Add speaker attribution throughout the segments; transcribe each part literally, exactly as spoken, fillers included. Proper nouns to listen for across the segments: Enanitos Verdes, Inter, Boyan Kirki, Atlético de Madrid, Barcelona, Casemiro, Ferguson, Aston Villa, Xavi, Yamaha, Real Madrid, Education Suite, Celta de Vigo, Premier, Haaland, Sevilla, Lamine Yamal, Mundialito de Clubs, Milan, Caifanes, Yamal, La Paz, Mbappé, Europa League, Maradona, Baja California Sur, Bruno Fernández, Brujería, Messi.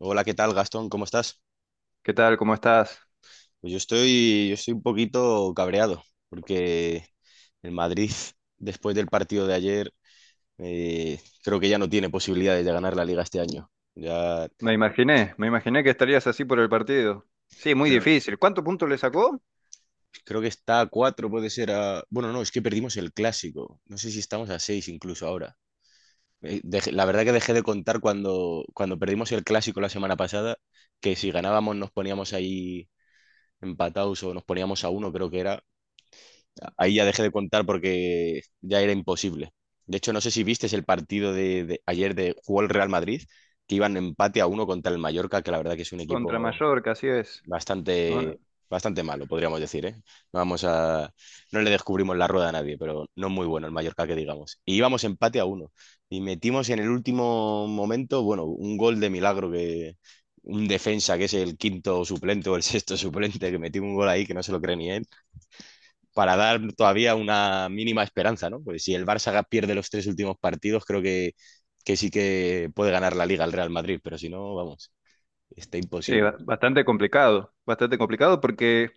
Speaker 1: Hola, ¿qué tal, Gastón? ¿Cómo estás?
Speaker 2: ¿Qué tal? ¿Cómo estás?
Speaker 1: Pues yo estoy, yo estoy un poquito cabreado porque el Madrid, después del partido de ayer, eh, creo que ya no tiene posibilidades de ganar la Liga este año. Ya.
Speaker 2: Me imaginé, me imaginé que estarías así por el partido. Sí, muy
Speaker 1: Pero
Speaker 2: difícil. ¿Cuántos puntos le sacó?
Speaker 1: creo que está a cuatro, puede ser a... Bueno, no, es que perdimos el clásico. No sé si estamos a seis incluso ahora. Eh, dejé- la verdad que dejé de contar cuando, cuando perdimos el clásico la semana pasada, que si ganábamos nos poníamos ahí empatados o nos poníamos a uno, creo que era. Ahí ya dejé de contar porque ya era imposible. De hecho, no sé si viste el partido de, de ayer de jugó el Real Madrid, que iban empate a uno contra el Mallorca, que la verdad que es un
Speaker 2: Contra
Speaker 1: equipo
Speaker 2: Mallorca, así es. Bueno,
Speaker 1: bastante, bastante malo, podríamos decir, ¿eh? No vamos a, no le descubrimos la rueda a nadie, pero no muy bueno el Mallorca que digamos. Y íbamos empate a uno. Y metimos en el último momento, bueno, un gol de milagro que un defensa que es el quinto suplente o el sexto suplente, que metió un gol ahí que no se lo cree ni él para dar todavía una mínima esperanza, ¿no? Porque si el Barça pierde los tres últimos partidos, creo que, que sí que puede ganar la Liga el Real Madrid, pero si no, vamos, está
Speaker 2: sí,
Speaker 1: imposible.
Speaker 2: ba- bastante complicado, bastante complicado porque,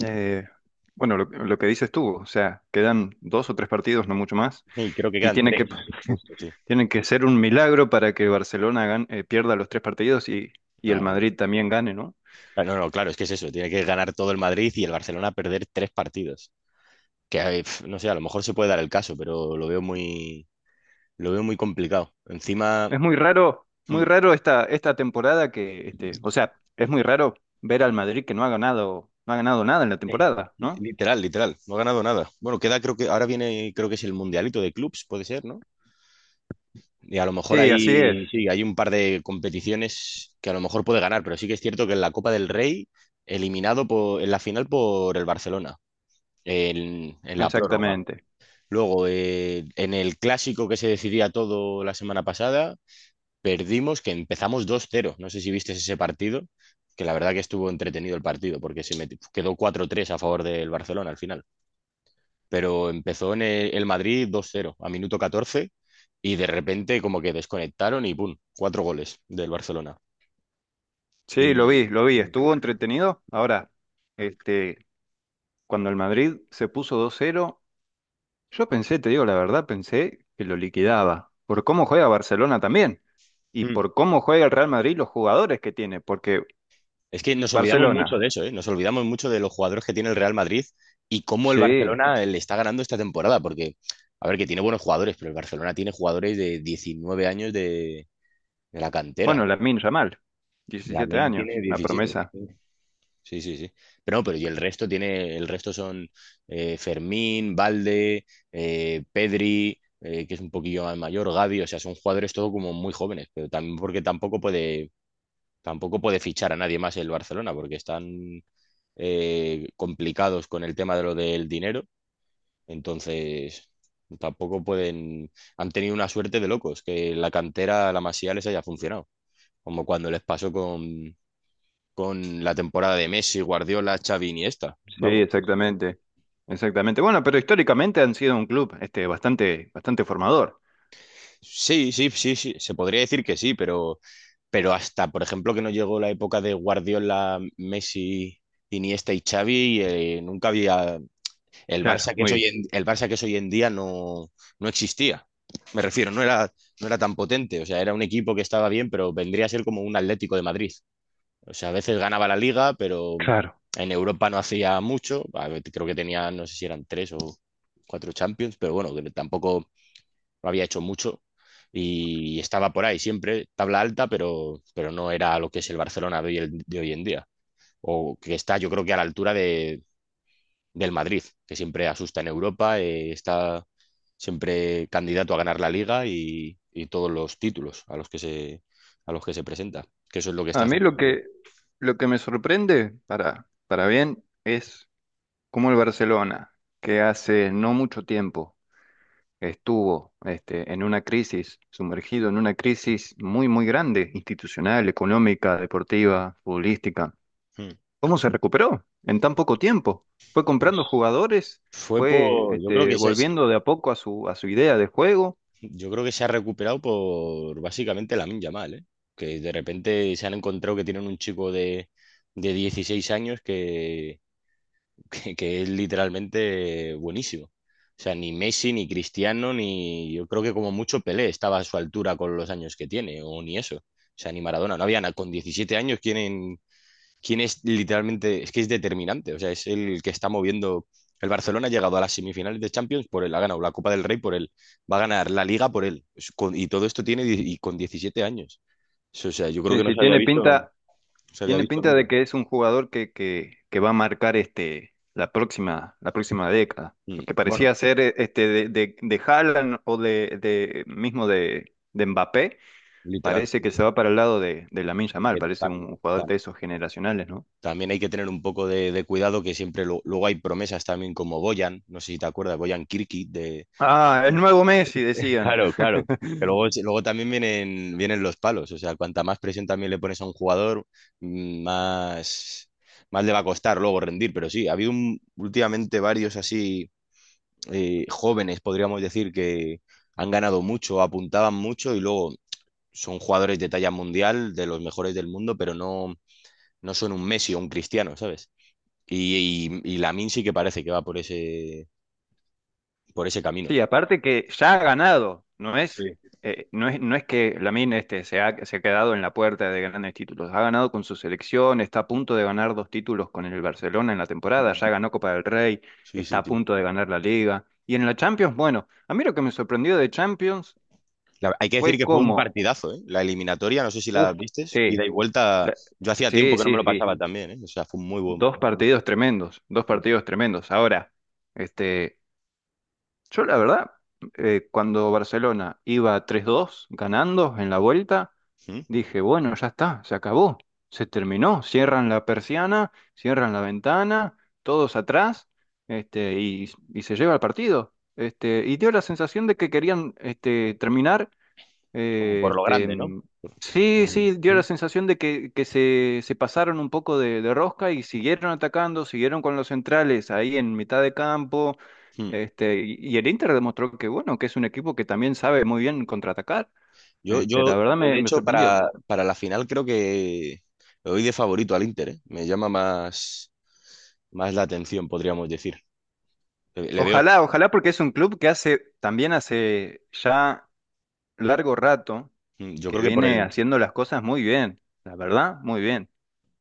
Speaker 2: eh, bueno, lo, lo que dices tú, o sea, quedan dos o tres partidos, no mucho más,
Speaker 1: Y creo que
Speaker 2: y
Speaker 1: quedan
Speaker 2: tiene
Speaker 1: tres,
Speaker 2: que,
Speaker 1: justo, sí.
Speaker 2: tienen que ser un milagro para que Barcelona gan- eh, pierda los tres partidos y, y
Speaker 1: No,
Speaker 2: el
Speaker 1: vale.
Speaker 2: Madrid también gane, ¿no?
Speaker 1: Ah, no, no, claro, es que es eso, tiene que ganar todo el Madrid y el Barcelona perder tres partidos. Que, eh, pf, no sé, a lo mejor se puede dar el caso, pero lo veo muy, lo veo muy complicado. Encima,
Speaker 2: Es muy raro,
Speaker 1: hmm,
Speaker 2: muy raro esta, esta temporada que, este, o sea, es muy raro ver al Madrid que no ha ganado, no ha ganado nada en la temporada, ¿no?
Speaker 1: literal, literal, no ha ganado nada. Bueno, queda, creo que ahora viene, creo que es el Mundialito de Clubs, puede ser, ¿no? Y a lo mejor
Speaker 2: Sí, así es,
Speaker 1: hay, sí, hay un par de competiciones que a lo mejor puede ganar, pero sí que es cierto que en la Copa del Rey, eliminado por, en la final por el Barcelona, en, en la prórroga.
Speaker 2: exactamente.
Speaker 1: Luego, eh, en el clásico que se decidía todo la semana pasada, perdimos que empezamos dos cero. No sé si viste ese partido, que la verdad que estuvo entretenido el partido, porque se meti- quedó cuatro tres a favor del Barcelona al final, pero empezó en el, el Madrid dos cero a minuto catorce y de repente como que desconectaron y ¡pum! Cuatro goles del Barcelona.
Speaker 2: Sí, lo
Speaker 1: Y
Speaker 2: vi, lo vi, estuvo entretenido. Ahora, este, cuando el Madrid se puso dos cero, yo pensé, te digo la verdad, pensé que lo liquidaba, por cómo juega Barcelona también, y
Speaker 1: mm,
Speaker 2: por cómo juega el Real Madrid y los jugadores que tiene, porque
Speaker 1: es que nos olvidamos mucho
Speaker 2: Barcelona,
Speaker 1: de eso, ¿eh? Nos olvidamos mucho de los jugadores que tiene el Real Madrid y cómo el
Speaker 2: sí,
Speaker 1: Barcelona le está ganando esta temporada, porque, a ver, que tiene buenos jugadores, pero el Barcelona tiene jugadores de diecinueve años de, de la
Speaker 2: bueno,
Speaker 1: cantera.
Speaker 2: Lamine Yamal, diecisiete
Speaker 1: Lamine tiene
Speaker 2: años, una
Speaker 1: diecisiete.
Speaker 2: promesa.
Speaker 1: Sí, sí, sí. Pero no, pero y el resto tiene, el resto son eh, Fermín, Valde, eh, Pedri, eh, que es un poquillo más mayor, Gavi, o sea, son jugadores todo como muy jóvenes, pero también porque tampoco puede, tampoco puede fichar a nadie más el Barcelona, porque están eh, complicados con el tema de lo del dinero, entonces tampoco pueden, han tenido una suerte de locos, que la cantera, la Masía les haya funcionado, como cuando les pasó con, con la temporada de Messi, Guardiola, Xavi, Iniesta.
Speaker 2: Sí,
Speaker 1: Vamos, pues.
Speaker 2: exactamente. Exactamente. Bueno, pero históricamente han sido un club este bastante bastante formador.
Speaker 1: Sí, sí, sí, sí, se podría decir que sí, pero, pero hasta, por ejemplo, que no llegó la época de Guardiola, Messi, Iniesta y Xavi, eh, nunca había el
Speaker 2: Claro,
Speaker 1: Barça que es hoy
Speaker 2: muy
Speaker 1: en, el Barça que es hoy en día no, no existía. Me refiero, no era, no era tan potente, o sea, era un equipo que estaba bien, pero vendría a ser como un Atlético de Madrid. O sea, a veces ganaba la liga, pero
Speaker 2: claro.
Speaker 1: en Europa no hacía mucho. A ver, creo que tenía, no sé si eran tres o cuatro Champions, pero bueno, que tampoco había hecho mucho. Y estaba por ahí siempre, tabla alta, pero, pero no era lo que es el Barcelona de hoy, el- de hoy en día. O que está, yo creo que a la altura de, del Madrid, que siempre asusta en Europa, eh, está siempre candidato a ganar la liga y, y todos los títulos a los que se, a los que se presenta. Que eso es lo que está
Speaker 2: A mí
Speaker 1: haciendo.
Speaker 2: lo que lo que me sorprende para para bien es cómo el Barcelona, que hace no mucho tiempo estuvo este en una crisis, sumergido en una crisis muy muy grande, institucional, económica, deportiva, futbolística.
Speaker 1: Hmm.
Speaker 2: ¿Cómo se recuperó en tan poco tiempo? Fue comprando jugadores,
Speaker 1: Fue
Speaker 2: fue
Speaker 1: por, yo creo
Speaker 2: este,
Speaker 1: que se,
Speaker 2: volviendo de a poco a su, a su idea de juego.
Speaker 1: yo creo que se ha recuperado por básicamente la Yamal, ¿eh? Que de repente se han encontrado que tienen un chico de, de dieciséis años que, que, que es literalmente buenísimo. O sea, ni Messi, ni Cristiano, ni yo creo que como mucho Pelé estaba a su altura con los años que tiene, o ni eso. O sea, ni Maradona, no había nada. Con diecisiete años, ¿quién, quién es literalmente, es que es determinante, o sea, es el que está moviendo. El Barcelona ha llegado a las semifinales de Champions por él, ha ganado la Copa del Rey por él, va a ganar la Liga por él. Es con- y todo esto tiene die- y con diecisiete años. Es- O sea, yo creo
Speaker 2: Sí,
Speaker 1: que no
Speaker 2: sí,
Speaker 1: se había
Speaker 2: tiene
Speaker 1: visto, no
Speaker 2: pinta,
Speaker 1: se había
Speaker 2: tiene
Speaker 1: visto
Speaker 2: pinta
Speaker 1: nunca.
Speaker 2: de que es un jugador que, que, que va a marcar este, la próxima, la próxima década.
Speaker 1: Mm.
Speaker 2: Lo que
Speaker 1: Bueno,
Speaker 2: parecía ser eh, este, de, de, de Haaland o de, de mismo de, de Mbappé,
Speaker 1: literal,
Speaker 2: parece
Speaker 1: sí,
Speaker 2: que
Speaker 1: sí.
Speaker 2: se va para el lado de, de Lamine Yamal,
Speaker 1: Aunque
Speaker 2: parece un
Speaker 1: también,
Speaker 2: un jugador
Speaker 1: tam-
Speaker 2: de esos generacionales, ¿no?
Speaker 1: también hay que tener un poco de, de cuidado que siempre lo- luego hay promesas también como Boyan, no sé si te acuerdas, Boyan Kirki.
Speaker 2: Ah, el nuevo Messi, decían.
Speaker 1: Claro, claro. Que luego, si- luego también vienen, vienen los palos. O sea, cuanta más presión también le pones a un jugador, mm, más, más le va a costar luego rendir. Pero sí, ha habido un- últimamente varios así eh, jóvenes, podríamos decir, que han ganado mucho, apuntaban mucho y luego son jugadores de talla mundial, de los mejores del mundo, pero no, no son un Messi o un Cristiano, ¿sabes? Y, y, y Lamine sí que parece que va por ese, por ese camino.
Speaker 2: Sí, aparte que ya ha ganado, no
Speaker 1: Sí,
Speaker 2: es, eh, no es, no es que Lamine este, se ha, se ha quedado en la puerta de grandes títulos, ha ganado con su selección, está a punto de ganar dos títulos con el Barcelona en la temporada, ya ganó Copa del Rey,
Speaker 1: sí,
Speaker 2: está
Speaker 1: sí.
Speaker 2: a
Speaker 1: Sí.
Speaker 2: punto de ganar la Liga. Y en la Champions, bueno, a mí lo que me sorprendió de Champions
Speaker 1: La- hay que decir
Speaker 2: fue
Speaker 1: que fue un
Speaker 2: como,
Speaker 1: partidazo, ¿eh? La eliminatoria, no sé si la
Speaker 2: uff,
Speaker 1: vistes,
Speaker 2: sí,
Speaker 1: ida y vuelta,
Speaker 2: la-
Speaker 1: yo hacía tiempo
Speaker 2: sí,
Speaker 1: que no
Speaker 2: sí,
Speaker 1: me lo
Speaker 2: sí,
Speaker 1: pasaba también, ¿eh? O sea, fue un muy buen,
Speaker 2: dos
Speaker 1: muy bueno.
Speaker 2: partidos tremendos, dos partidos tremendos. Ahora, este... Yo la verdad, eh, cuando Barcelona iba tres dos ganando en la vuelta,
Speaker 1: ¿Mm?
Speaker 2: dije, bueno, ya está, se acabó, se terminó, cierran la persiana, cierran la ventana, todos atrás, este, y, y se lleva el partido. Este, y dio la sensación de que querían este, terminar
Speaker 1: Como
Speaker 2: eh,
Speaker 1: por lo
Speaker 2: este,
Speaker 1: grande, ¿no?
Speaker 2: mm, sí, sí, dio la
Speaker 1: Sí.
Speaker 2: sensación de que, que se, se pasaron un poco de, de rosca y siguieron atacando, siguieron con los centrales ahí en mitad de campo.
Speaker 1: ¿Mm?
Speaker 2: Este, y, y el Inter demostró que, bueno, que es un equipo que también sabe muy bien contraatacar.
Speaker 1: Yo,
Speaker 2: Este,
Speaker 1: yo,
Speaker 2: la verdad
Speaker 1: yo,
Speaker 2: me,
Speaker 1: de
Speaker 2: me
Speaker 1: hecho,
Speaker 2: sorprendió.
Speaker 1: para, para la final creo que le doy de favorito al Inter, ¿eh? Me llama más, más la atención, podríamos decir. Le, le veo,
Speaker 2: Ojalá, ojalá, porque es un club que hace, también hace ya largo rato,
Speaker 1: mm, yo
Speaker 2: que
Speaker 1: creo que por
Speaker 2: viene
Speaker 1: el,
Speaker 2: haciendo las cosas muy bien, la verdad, muy bien.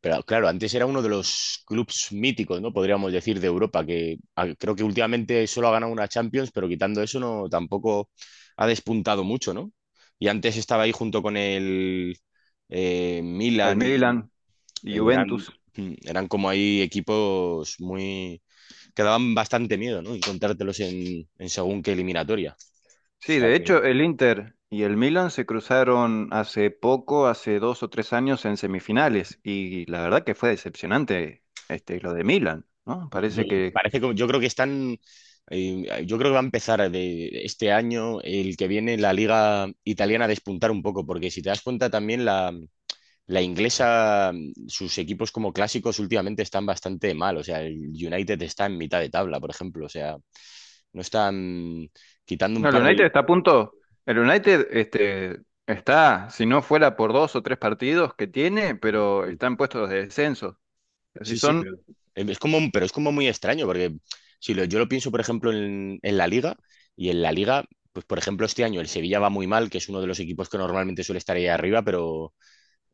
Speaker 1: Pero claro, antes era uno de los clubes míticos, ¿no? Podríamos decir, de Europa, que ah, creo que últimamente solo ha ganado una Champions, pero quitando eso no tampoco ha despuntado mucho, ¿no? Y antes estaba ahí junto con el eh,
Speaker 2: El
Speaker 1: Milan y
Speaker 2: Milan y
Speaker 1: eh, eran,
Speaker 2: Juventus.
Speaker 1: mm, eran como ahí equipos muy que daban bastante miedo, ¿no? Encontrártelos en, en según qué eliminatoria. O
Speaker 2: Sí,
Speaker 1: sea
Speaker 2: de
Speaker 1: que.
Speaker 2: hecho, el Inter y el Milan se cruzaron hace poco, hace dos o tres años en
Speaker 1: Mm.
Speaker 2: semifinales, y la verdad que fue decepcionante este, lo de Milan, ¿no?
Speaker 1: Yo,
Speaker 2: Parece que...
Speaker 1: parece que yo creo que están, eh, Yo creo que va a empezar de este año, el que viene, la liga italiana a despuntar un poco, porque si te das cuenta también la, la inglesa, sus equipos como clásicos últimamente están bastante mal, o sea, el United está en mitad de tabla, por ejemplo, o sea, no están, quitando un
Speaker 2: No, el
Speaker 1: par
Speaker 2: United
Speaker 1: de.
Speaker 2: está a punto... El United este, está, si no fuera por dos o tres partidos que tiene, pero está en puestos de descenso. Así
Speaker 1: Sí, sí, pero
Speaker 2: son...
Speaker 1: em, es como, pero es como muy extraño, porque si lo- yo lo pienso, por ejemplo, en, en la Liga, y en la Liga, pues por ejemplo, este año el Sevilla va muy mal, que es uno de los equipos que normalmente suele estar ahí arriba, pero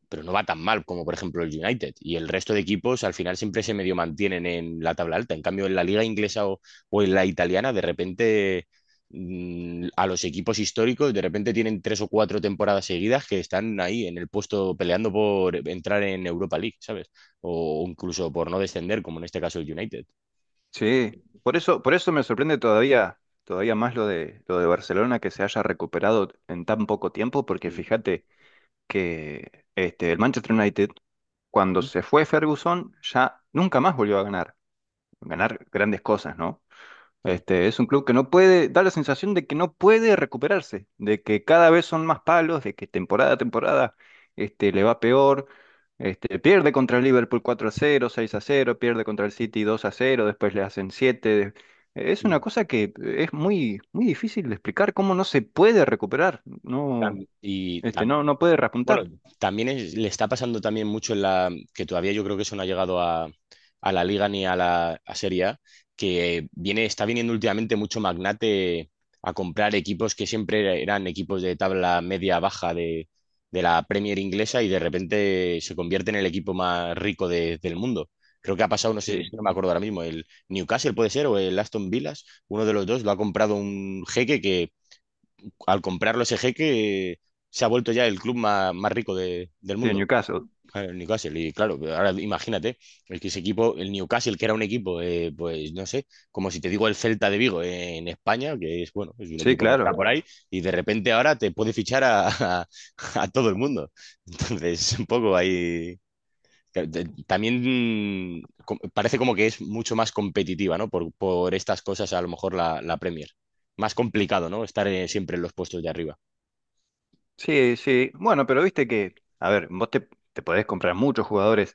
Speaker 1: pero no va tan mal como por ejemplo el United. Y el resto de equipos al final siempre se medio mantienen en la tabla alta. En cambio, en la liga inglesa o, o en la italiana, de repente mmm, a los equipos históricos, de repente tienen tres o cuatro temporadas seguidas que están ahí en el puesto peleando por entrar en Europa League, ¿sabes? O, incluso por no descender, como en este caso el United.
Speaker 2: Sí, por eso, por eso me sorprende todavía, todavía más lo de, lo de Barcelona que se haya recuperado en tan poco tiempo, porque
Speaker 1: Sí,
Speaker 2: fíjate que este, el Manchester United cuando
Speaker 1: sí.
Speaker 2: se fue Ferguson, ya nunca más volvió a ganar, ganar grandes cosas, ¿no?
Speaker 1: Mm.
Speaker 2: Este, es un club que no puede, da la sensación de que no puede recuperarse, de que cada vez son más palos, de que temporada a temporada este, le va peor, este, pierde contra el Liverpool cuatro a cero, seis a cero, pierde contra el City dos a cero, después le hacen siete. Es una
Speaker 1: Sí.
Speaker 2: cosa que es muy, muy difícil de explicar cómo no se puede recuperar, no,
Speaker 1: Tam- Y
Speaker 2: este, no, no puede
Speaker 1: bueno,
Speaker 2: repuntar.
Speaker 1: también es- le está pasando también mucho en la que todavía yo creo que eso no ha llegado a, a la Liga ni a la a Serie A, que viene, está viniendo últimamente mucho magnate a comprar equipos que siempre eran equipos de tabla media baja de, de la Premier inglesa y de repente se convierte en el equipo más rico de- del mundo. Creo que ha pasado, no sé, es
Speaker 2: Sí,
Speaker 1: que no me acuerdo ahora mismo, el Newcastle puede ser o el Aston Villa, uno de los dos lo ha comprado un jeque. Al comprarlo ese jeque, se ha vuelto ya el club más, más rico de- del
Speaker 2: sí, en
Speaker 1: mundo,
Speaker 2: Newcastle.
Speaker 1: el Newcastle. Y claro, ahora imagínate, el que ese equipo, el Newcastle, que era un equipo, eh, pues no sé, como si te digo el Celta de Vigo en España, que es, bueno, es un
Speaker 2: Sí,
Speaker 1: equipo que está
Speaker 2: claro.
Speaker 1: por ahí, y de repente ahora te puede fichar a, a- a todo el mundo. Entonces, un poco ahí. que- de- También mm, co- parece como que es mucho más competitiva, ¿no? Por, por estas cosas, a lo mejor la, la Premier. Más complicado, ¿no? Estar eh, siempre en los puestos de arriba.
Speaker 2: Sí, sí. Bueno, pero viste que, a ver, vos te, te podés comprar muchos jugadores,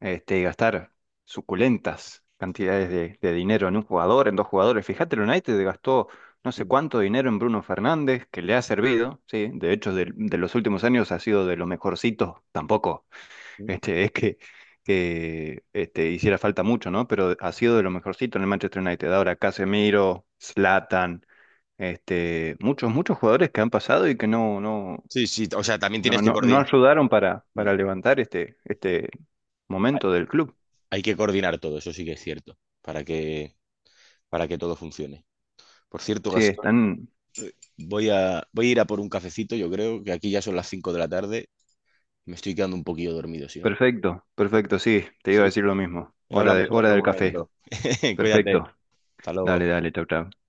Speaker 2: este, y gastar suculentas cantidades de, de dinero en un jugador, en dos jugadores. Fíjate, el United gastó no sé
Speaker 1: Ujú.
Speaker 2: cuánto dinero en Bruno Fernández, que le ha servido, sí. De hecho, del- de los últimos años ha sido de lo mejorcito. Tampoco, este, es que, que este, hiciera falta mucho, ¿no? Pero ha sido de lo mejorcito en el Manchester United. Ahora Casemiro, Zlatan. Este, muchos, muchos jugadores que han pasado y que no, no.
Speaker 1: Sí, sí, o sea, también tienes
Speaker 2: No,
Speaker 1: que
Speaker 2: no, no
Speaker 1: coordinar.
Speaker 2: ayudaron para,
Speaker 1: mm,
Speaker 2: para levantar este, este momento del club.
Speaker 1: Hay que coordinar todo, eso sí que es cierto, para que, para que todo funcione. Por cierto,
Speaker 2: Sí,
Speaker 1: Gastón,
Speaker 2: están.
Speaker 1: voy a, voy a ir a por un cafecito, yo creo que aquí ya son las cinco de la tarde, me estoy quedando un poquillo dormido, si no.
Speaker 2: Perfecto, perfecto, sí, te iba a
Speaker 1: Sí,
Speaker 2: decir lo mismo. Hora de,
Speaker 1: hablamos en
Speaker 2: hora
Speaker 1: otro
Speaker 2: del café.
Speaker 1: momento. Cuídate,
Speaker 2: Perfecto.
Speaker 1: hasta luego.
Speaker 2: Dale, dale, chau, chau.